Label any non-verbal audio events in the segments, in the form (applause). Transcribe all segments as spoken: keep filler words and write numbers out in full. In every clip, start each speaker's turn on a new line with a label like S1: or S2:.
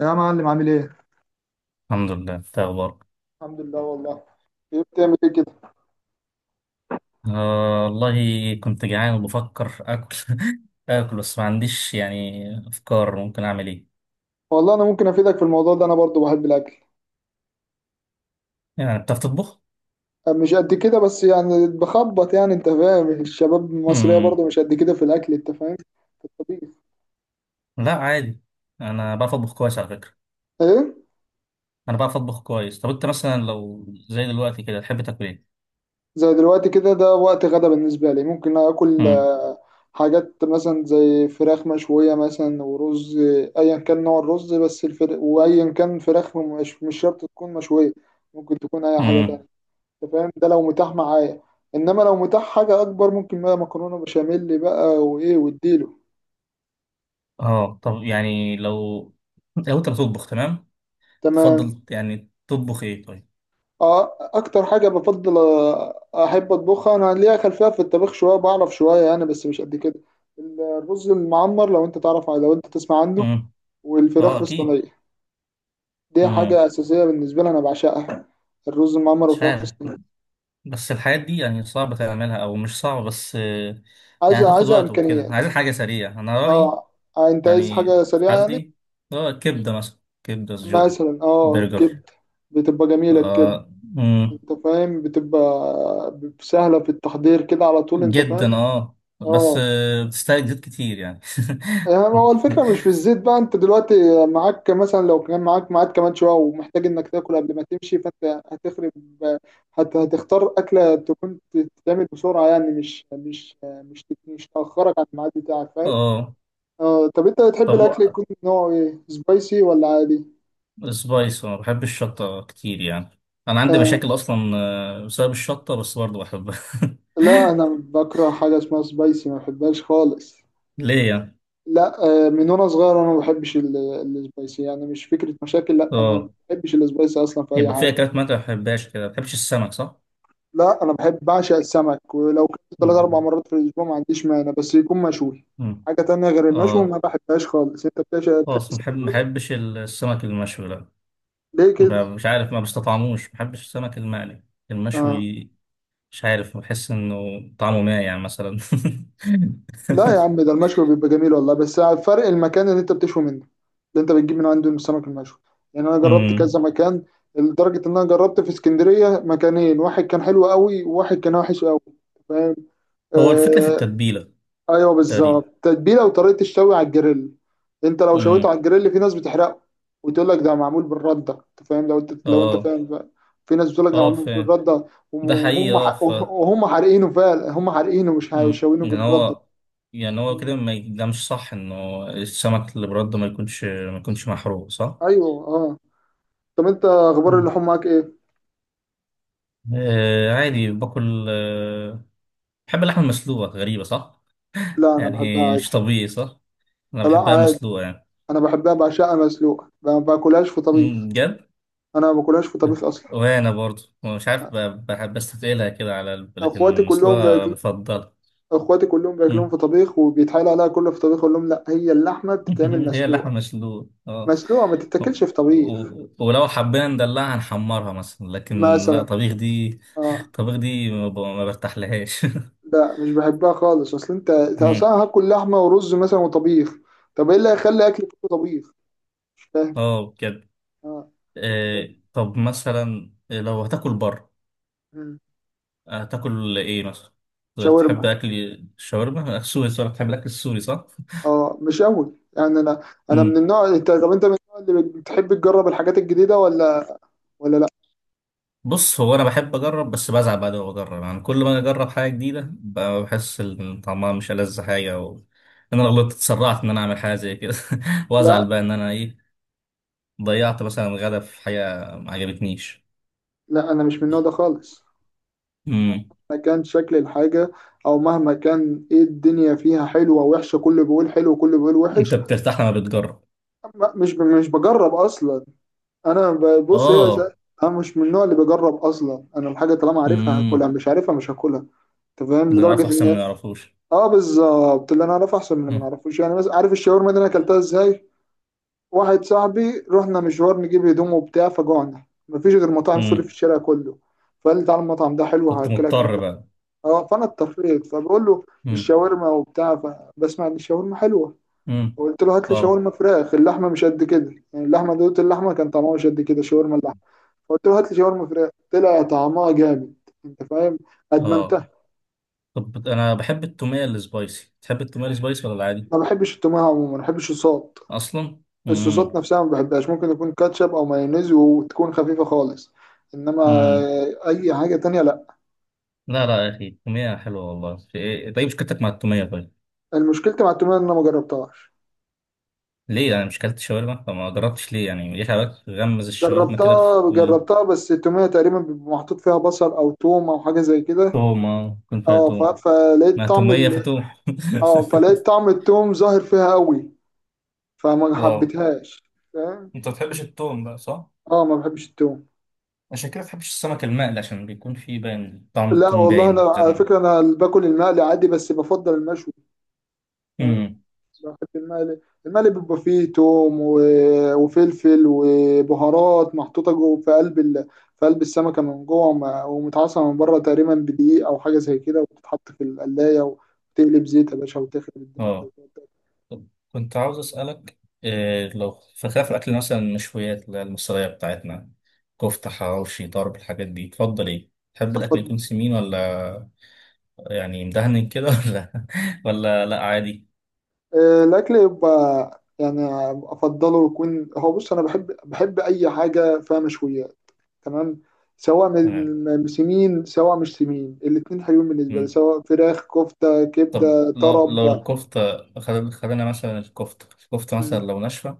S1: يا معلم عامل ايه؟
S2: الحمد لله، انت إيه اخبارك؟
S1: الحمد لله والله. ايه بتعمل ايه كده؟
S2: آه والله. كنت جعان وبفكر اكل. (laughs) اكل بس ما عنديش يعني افكار ممكن اعمل ايه.
S1: والله انا ممكن افيدك في الموضوع ده، انا برضو بحب الاكل.
S2: يعني بتعرف تطبخ؟
S1: أه، مش قد كده، بس يعني بخبط، يعني انت فاهم، الشباب المصريه
S2: امم.
S1: برضو مش قد كده في الاكل، انت فاهم. في الطبيخ.
S2: لا، عادي. انا بعرف اطبخ كويس على فكره.
S1: ايه؟
S2: انا بعرف اطبخ كويس. طب انت مثلا لو زي دلوقتي كده تحب تاكل ايه؟
S1: زي دلوقتي كده، ده وقت غدا بالنسبه لي. ممكن اكل
S2: امم.
S1: آه، حاجات مثلا زي فراخ مشويه مثلا ورز، آه، ايا كان نوع الرز، بس الفرق، وايا كان فراخ، مش مش شرط تكون مشويه، ممكن تكون اي حاجه
S2: امم.
S1: تانية. انت فاهم، ده لو متاح معايا، انما لو متاح حاجه اكبر، ممكن بقى مكرونه بشاميل بقى وايه واديله.
S2: اه، طب يعني لو لو انت بتطبخ تمام،
S1: تمام.
S2: تفضل يعني تطبخ ايه طيب؟
S1: اه اكتر حاجه بفضل أ- احب اطبخها، انا ليا خلفيه في الطبخ شويه، بعرف شويه انا، بس مش قد كده. الرز المعمر، لو انت تعرف، لو انت تسمع عنه،
S2: امم.
S1: والفراخ
S2: اه،
S1: في
S2: اكيد.
S1: الصينيه. دي
S2: امم.
S1: حاجه اساسيه بالنسبه لي، انا بعشقها، الرز المعمر
S2: مش
S1: والفراخ في
S2: عارف.
S1: الصينيه.
S2: بس الحاجات دي يعني صعب تعملها او مش صعب، بس آه، يعني
S1: عايزه
S2: هتاخد
S1: عايزه
S2: وقت وكده،
S1: امكانيات.
S2: عايزين حاجه سريعه، انا رايي.
S1: اه. آه، انت عايز
S2: يعني
S1: حاجه
S2: في
S1: سريعه يعني.
S2: حالتي، آه، كبده مثلا، كبده سجق،
S1: مثلا اه
S2: برجر.
S1: كبده، بتبقى جميله الكبده،
S2: آه مم،
S1: انت فاهم، بتبقى سهلة في التحضير كده على طول، انت
S2: جدا
S1: فاهم.
S2: اه، بس
S1: اه.
S2: آه، بتستهلك زيت كتير يعني.
S1: يعني هو الفكرة مش في
S2: (laughs)
S1: الزيت بقى. انت دلوقتي معاك، مثلا لو كان معاك ميعاد كمان شوية، ومحتاج انك تاكل قبل ما تمشي، فانت هتخرب هت... هتختار أكلة تكون تتعمل بسرعة، يعني مش مش مش تت- مش تأخرك عن الميعاد بتاعك، فاهم.
S2: اه،
S1: اه. طب انت بتحب
S2: طب
S1: الأكل
S2: هو
S1: يكون نوعه ايه، سبايسي ولا عادي؟
S2: سبايس، انا بحب الشطه كتير يعني. انا عندي
S1: آه.
S2: مشاكل اصلا آه، بسبب الشطه، بس برضه بحبها. (laughs)
S1: لا انا بكره حاجة اسمها سبايسي، ما بحبهاش خالص.
S2: ليه يعني؟
S1: لا، آه، من وانا صغير انا ما بحبش ال- السبايسي، يعني مش فكره مشاكل، لا انا ما
S2: اه،
S1: بحبش السبايسي اصلا في اي
S2: يبقى في
S1: حاجه.
S2: اكلات ما أنت ما بتحبهاش كده. ما بتحبش السمك صح؟
S1: لا انا بحب بعشق السمك، ولو كنت ثلاث اربع
S2: مم.
S1: مرات في الاسبوع ما عنديش مانع، بس يكون مشوي.
S2: مم.
S1: حاجه تانية غير المشوي
S2: اه،
S1: ما بحبهاش خالص. انت بتعشق تحب
S2: خلاص. ما بحب-
S1: السمك
S2: ما
S1: برضه؟
S2: بحبش السمك المشوي، لا.
S1: ليه
S2: ب-
S1: كده؟
S2: مش عارف، ما بستطعموش، ما بحبش السمك المقلي،
S1: آه.
S2: المشوي. مش عارف، بحس انه طعمه مايع مثلا.
S1: لا يا عم،
S2: (laughs)
S1: ده المشوي بيبقى جميل والله، بس على الفرق المكان اللي انت بتشوي منه، اللي انت بتجيب من عنده السمك المشوي. يعني انا جربت
S2: مم.
S1: كذا مكان، لدرجة ان انا جربت في اسكندرية مكانين، واحد كان حلو قوي وواحد كان وحش قوي، فاهم.
S2: هو الفكرة في
S1: آه.
S2: التتبيلة.
S1: ايوه بالظبط،
S2: تقريبا.
S1: تتبيله وطريقه الشوي على الجريل. انت لو شويته على
S2: مم.
S1: الجريل، في ناس بتحرقه وتقول لك ده معمول بالرده، انت فاهم؟ لو انت لو انت
S2: اه،
S1: فاهم بقى. في ناس بتقول لك ده
S2: اه،
S1: معمول
S2: فاهم.
S1: بالرده،
S2: ده حقيقي،
S1: وهم
S2: اه
S1: ح-
S2: ف
S1: وهم حارقينه فعلا، هم حارقينه، مش ح- مش
S2: مم.
S1: شاوينه
S2: يعني
S1: بالرده.
S2: هو يعني هو كده، ما ي- ده مش صح انه السمك اللي برده ما يكونش ما يكونش محروق، صح؟
S1: ايوه اه. طب انت اخبار
S2: مم.
S1: اللحوم معاك ايه؟
S2: آه، عادي باكل آه بحب اللحمة المسلوقة، غريبة صح؟
S1: لا انا بحبها
S2: يعني
S1: عادي.
S2: مش طبيعي صح؟ أنا
S1: لا
S2: بحبها
S1: عادي،
S2: مسلوقة يعني.
S1: انا بحبها بعشقها مسلوقه، ما باكلهاش في طبيخ.
S2: أمم، بجد؟
S1: انا ما باكلهاش في طبيخ اصلا.
S2: وأنا برضو مش عارف، ب- بحب، بستثقلها كده على الب-
S1: اخواتي
S2: لكن
S1: كلهم
S2: مسلوقة
S1: بياكلوا،
S2: مفضلة.
S1: اخواتي كلهم بياكلوهم
S2: أمم.
S1: في طبيخ، وبيتحايل عليها كله في طبيخ، اقول لهم لا، هي اللحمه بتتعمل
S2: (laughs) هي اللحمة
S1: مسلوقه،
S2: المسلوقة، اه.
S1: مسلوقه ما تتاكلش في طبيخ.
S2: و- ولو حبينا ندلعها نحمرها مثلا، لكن لا،
S1: مثلا.
S2: طبيخ دي،
S1: اه.
S2: طبيخ دي ما ب- ما برتاحلهاش. (laughs)
S1: لا مش بحبها خالص، اصل انت انت اصلا
S2: أمم.
S1: هاكل لحمه ورز مثلا وطبيخ. طب ايه اللي هيخلي اكل كله طبيخ؟ مش فاهم.
S2: اه، بجد.
S1: اه. طب
S2: آه،
S1: إيه؟
S2: طب مثلا لو هتاكل بره،
S1: مم.
S2: هتاكل ايه مثلا؟ تحب
S1: شاورما.
S2: اكل الشاورما السوري صح؟ تحب الاكل السوري صح؟
S1: اه مش قوي يعني. انا انا من
S2: امم.
S1: النوع انت طب انت من النوع اللي بتحب تجرب الحاجات الجديده ولا ولا لا؟
S2: بص، هو انا بحب اجرب بس بزعل بعد ما بجرب. يعني كل ما اجرب حاجه جديده ب- بحس ان طعمها مش ألذ حاجه و... انا لو غلطت، اتسرعت ان انا اعمل حاجه زي كده. (laughs)
S1: لا
S2: وازعل بقى ان انا ايه، ضيعت مثلا غدا في حاجه ما عجبتنيش.
S1: لا، انا مش من النوع ده خالص،
S2: امم.
S1: مهما كان شكل الحاجه، او مهما كان. ايه الدنيا فيها حلوه وحشه؟ كله بيقول حلو وكله بيقول
S2: انت
S1: وحش.
S2: بترتاح لما بتجرب؟
S1: ما- مش ب- مش بجرب اصلا. انا ب- بص، هي س-
S2: اه.
S1: انا مش من النوع اللي بجرب اصلا. انا الحاجه طالما عارفها هاكلها،
S2: امم.
S1: مش عارفها مش هاكلها، انت فاهم،
S2: اللي نعرفه
S1: لدرجه
S2: احسن من
S1: ان،
S2: اللي نعرفوش.
S1: اه بالظبط، اللي انا اعرفه احسن من اللي ما اعرفوش. يعني مثلا عارف الشاورما دي انا اكلتها ازاي؟ واحد صاحبي رحنا مشوار نجيب هدوم وبتاع، فجوعنا، مفيش غير مطاعم سوري في
S2: امم.
S1: الشارع كله. فقال لي تعالى المطعم ده حلو
S2: كنت
S1: هاكلك
S2: مضطر
S1: اكله.
S2: بقى.
S1: اه، فانا اضطريت، فبقول له
S2: امم.
S1: الشاورما وبتاع، فبسمع ان الشاورما حلوه،
S2: امم.
S1: فقلت له هات لي
S2: اه،
S1: شاورما فراخ، اللحمه مش قد كده يعني، اللحمه دوت اللحمه كان طعمها مش قد كده، شاورما اللحمه. فقلت له هات لي شاورما فراخ، طلع طعمها جامد، انت فاهم،
S2: اه.
S1: ادمنتها.
S2: طب انا بحب التوميه السبايسي، تحب التوميه؟ أنا السبايسي ولا العادي؟
S1: ما بحبش التومه عموما، ما بحبش الصوت،
S2: اصلا.
S1: الصوصات
S2: امم.
S1: نفسها ما بحبهاش. ممكن يكون كاتشب او مايونيز وتكون خفيفه خالص، انما
S2: امم.
S1: اي حاجه تانية لا.
S2: لا، لا يا اخي، التوميه حلوه والله، في إيه؟ طيب، مشكلتك مع التوميه؟ طيب،
S1: المشكلة مع التوميه ان انا ما جربتهاش.
S2: ليه؟ انا مش كلت شاورما فما جربتش؟ ليه يعني؟ ليه حضرتك تغمز الشاورما كده في؟
S1: جربتها جربتها بس التوميه تقريبا بيبقى محطوط فيها بصل او توم او حاجه زي كده.
S2: توم، اه، يكون فيها
S1: اه ف-
S2: توم. مع
S1: فلقيت طعم
S2: توميه
S1: ال...
S2: فتوم.
S1: اه، فلقيت
S2: (laughs)
S1: طعم التوم ظاهر فيها قوي، فما
S2: واو.
S1: حبيتهاش، فاهم.
S2: انت ما بتحبش التوم بقى صح؟
S1: اه ما بحبش التوم.
S2: عشان كده ما بتحبش السمك المقلي، عشان بيكون فيه باين طعم
S1: لا
S2: التوم،
S1: والله، انا
S2: باين
S1: على
S2: كده.
S1: فكره انا باكل المقلي عادي، بس بفضل المشوي، فاهم.
S2: امم.
S1: بحب المقلي. المقلي بيبقى فيه توم و- وفلفل وبهارات محطوطة جوه في قلب ال... في قلب السمكة من جوه، وم- ومتعصرة من بره تقريبا بدقيق أو حاجة زي كده، وبتتحط في القلاية وتقلب زيت يا باشا، وتخرب الدنيا أنت،
S2: اه،
S1: وتقعد تاكل.
S2: طب كنت عاوز أسألك إيه، لو في خلاف الأكل مثلا، المشويات اللي هي المصرية بتاعتنا، كفتة، حواوشي، ضرب، الحاجات دي تفضل إيه؟ تحب الأكل
S1: أفضل،
S2: يكون سمين، ولا يعني مدهن كده، (laughs) ولا، ولا لأ، عادي؟
S1: آه، الأكل يبقى يعني أفضله يكون، هو بص أنا بحب بحب أي حاجة فيها مشويات، تمام، سواء
S2: تمام.
S1: من سمين سواء مش سمين، الاتنين حلوين بالنسبة لي،
S2: مم.
S1: سواء فراخ كفتة
S2: طب،
S1: كبدة
S2: لو لو
S1: طرب.
S2: الكفتة خد- خدنا مثلا الكفتة الكفتة مثلا لو ناشفة،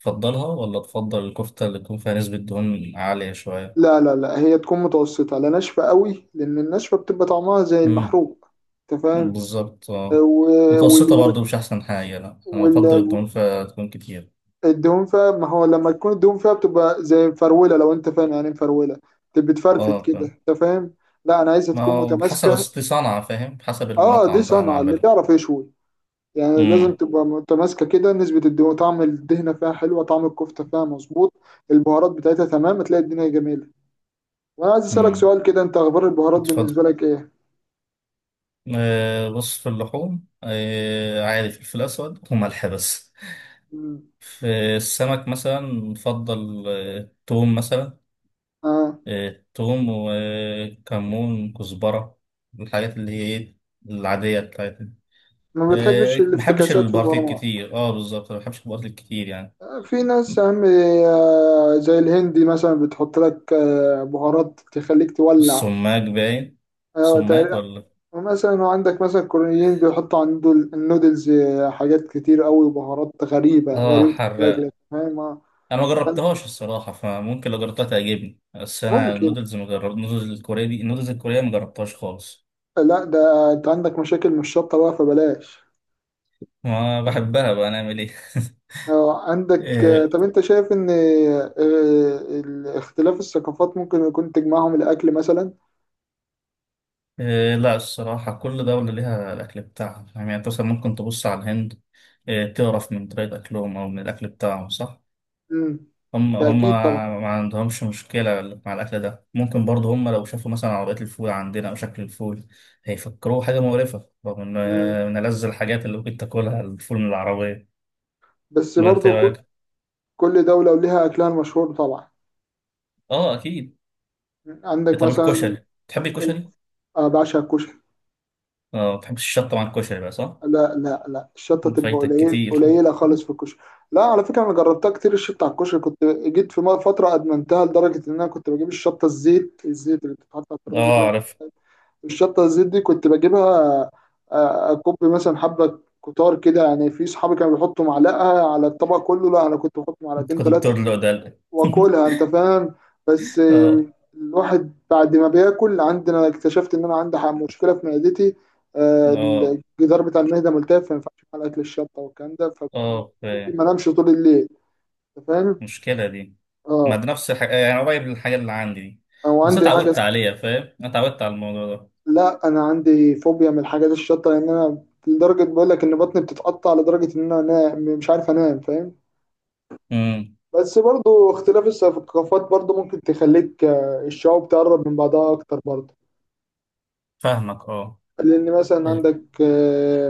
S2: تفضلها ولا تفضل الكفتة اللي تكون فيها نسبة دهون عالية شوية؟
S1: لا لا لا، هي تكون متوسطة، لا ناشفة قوي، لأن الناشفة بتبقى طعمها زي
S2: مم.
S1: المحروق، أنت فاهم.
S2: بالظبط، اه.
S1: و-
S2: متوسطة
S1: وال-
S2: برضو مش أحسن حاجة، لأ، أنا
S1: وال-
S2: بفضل الدهون فتكون كتير.
S1: والدهون فيها، ما هو لما تكون الدهون فيها بتبقى زي مفرولة، لو أنت فاهم يعني إيه مفرولة، بتبقى بتفرفت
S2: اه،
S1: كده،
S2: فاهم.
S1: أنت فاهم. لا أنا عايزها
S2: ما
S1: تكون
S2: هو بحسب،
S1: متماسكة.
S2: أصل دي صنعة، فاهم، بحسب
S1: أه دي
S2: المطعم بقى
S1: صنعة، اللي
S2: معمله.
S1: بيعرف يشوي يعني، لازم
S2: امم.
S1: تبقى متماسكة كده، نسبة الدهون، طعم الدهنة فيها حلوة، طعم الكفتة فيها مظبوط، البهارات بتاعتها تمام، هتلاقي الدنيا جميلة. وأنا عايز أسألك
S2: امم.
S1: سؤال كده، أنت أخبار البهارات
S2: اتفضل.
S1: بالنسبة لك إيه؟
S2: آه، بص، في اللحوم آه عادي، فلفل أسود وملح بس.
S1: مم.
S2: في السمك مثلا نفضل آه توم مثلا.
S1: آه.
S2: آه توم وكمون، كزبرة. الحاجات اللي هي إيه، العادية بتاعتنا.
S1: ما بتحبش
S2: آه بحبش
S1: الافتكاسات في
S2: البارتيل
S1: البرامج.
S2: كتير، اه بالظبط، ما بحبش البارتيل كتير يعني.
S1: آه، في ناس أهم آه، زي الهندي مثلا بتحط لك آه، بهارات تخليك تولع.
S2: السماق باين.
S1: آه،
S2: سماق
S1: تقريبا-
S2: ولا؟
S1: ومثلا وعندك مثلا الكوريين بيحطوا على النودل- النودلز آه، حاجات كتير أوي، بهارات غريبة
S2: اه،
S1: غريبة الشكل،
S2: حراق.
S1: فاهم. آه.
S2: انا ما جربتهاش الصراحه، فممكن لو جربتها تعجبني، بس انا
S1: ممكن.
S2: النودلز، ما جربت النودلز الكوريه دي، النودلز الكوريه ما جربتهاش خالص.
S1: لا ده انت عندك مشاكل مش شطة بقى، فبلاش.
S2: ما بحبها بقى، نعمل ايه؟ (laughs)
S1: آه، عندك آه،
S2: آه،
S1: طب انت شايف ان آه، آه، اختلاف الثقافات ممكن يكون تجمعهم الاكل مثلا؟
S2: آه، لا، الصراحه كل دوله ليها الاكل بتاعها. يعني انت مثلا ممكن تبص على الهند، آه، تعرف من طريقه اكلهم او من الاكل بتاعهم، صح؟
S1: امم.
S2: هم
S1: ده
S2: هم
S1: اكيد طبعا.
S2: ما عندهمش مشكله مع الاكل ده. ممكن برضه هم لو شافوا مثلا عربيات الفول عندنا او شكل الفول، هيفكروه حاجه مقرفه، رغم ان
S1: مم.
S2: آه، من ألذ الحاجات اللي ممكن تاكلها الفول من العربيه.
S1: بس
S2: ما انت
S1: برضو ك-
S2: رايك؟
S1: كل دولة وليها أكلها المشهور طبعا.
S2: اه، اكيد. إيه،
S1: عندك
S2: طب
S1: مثلا،
S2: الكشري، تحبي
S1: ال-
S2: الكشري؟
S1: أنا بعشق الكشري.
S2: اه، ما بتحبش الشطه مع الكشري بقى صح؟
S1: لا لا لا، الشطة تبقى
S2: فايتك
S1: قليل
S2: كتير.
S1: قليلة خالص في الكشري. لا، على فكرة أنا جربتها كتير، الشطة على الكشري، كنت جيت في مرة فترة أدمنتها، لدرجة إن أنا كنت بجيب الشطة الزيت، الزيت اللي بتتحط على الترابيزة
S2: اه،
S1: كده،
S2: اعرف.
S1: الشطة الزيت دي كنت بجيبها، آه، أكب مثلا حبة كتار كده. يعني في صحابي كانوا بيحطوا معلقة على الطبق كله، لا أنا كنت بحط
S2: انت
S1: معلقتين
S2: كنت
S1: ثلاثة
S2: بتقول ده.
S1: واكلها، انت فاهم. بس
S2: (laughs) اه،
S1: آم، الواحد بعد ما بياكل عندنا، اكتشفت ان انا عندي ح- مشكله في معدتي، آه،
S2: اه،
S1: الجدار بتاع المعده ملتف، فما ينفعش اكل اكل الشطه والكلام ده،
S2: اه،
S1: فممكن
S2: فاهم.
S1: ما انامش طول الليل، انت فاهم.
S2: المشكله دي، ما
S1: اه.
S2: ده نفس الحاجه، يعني قريب للحاجه اللي عندي دي.
S1: او
S2: بس أنا
S1: عندي حاجه اس-
S2: اتعودت عليها، فاهم، انا اتعودت على الموضوع ده.
S1: لا انا عندي فوبيا من الحاجات الشطه، لان انا لدرجه، بقول لك ان بطني بتتقطع، لدرجه ان انا أنا مش عارف انام، فاهم.
S2: امم.
S1: بس برضو اختلاف الثقافات برضو ممكن تخليك، آه، الشعوب تقرب من بعضها اكتر برضو.
S2: فاهمك، اه.
S1: لأن مثلا عندك، آه،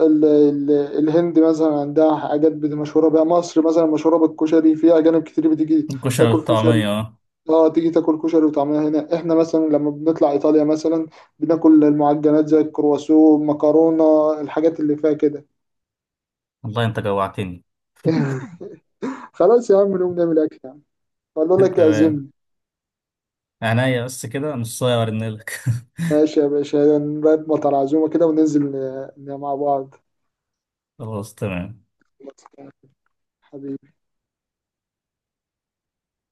S1: ال- ال- الهند مثلا عندها حاجات بت- مشهورة بيها. مصر مثلا مشهورة بالكشري، في أجانب كتير بتيجي
S2: الكشري
S1: تاكل
S2: والطعميه،
S1: كشري.
S2: اه.
S1: اه تيجي تاكل كشري وطعمها هنا. احنا مثلا لما بنطلع إيطاليا مثلا بناكل المعجنات زي الكرواسو، مكرونة، الحاجات اللي فيها كده.
S2: والله انت جوعتني!
S1: (laughs) خلاص يا عم نقوم نعمل أكل يعني، أقول
S2: (laughs)
S1: لك
S2: تمام.
S1: أعزمني.
S2: عينيا، بس كده نص ساعه وارنلك.
S1: ماشي يا باشا، نرتب على عزومة كده وننزل آه، مع بعض.
S2: (laughs) خلاص، تمام.
S1: حبيبي.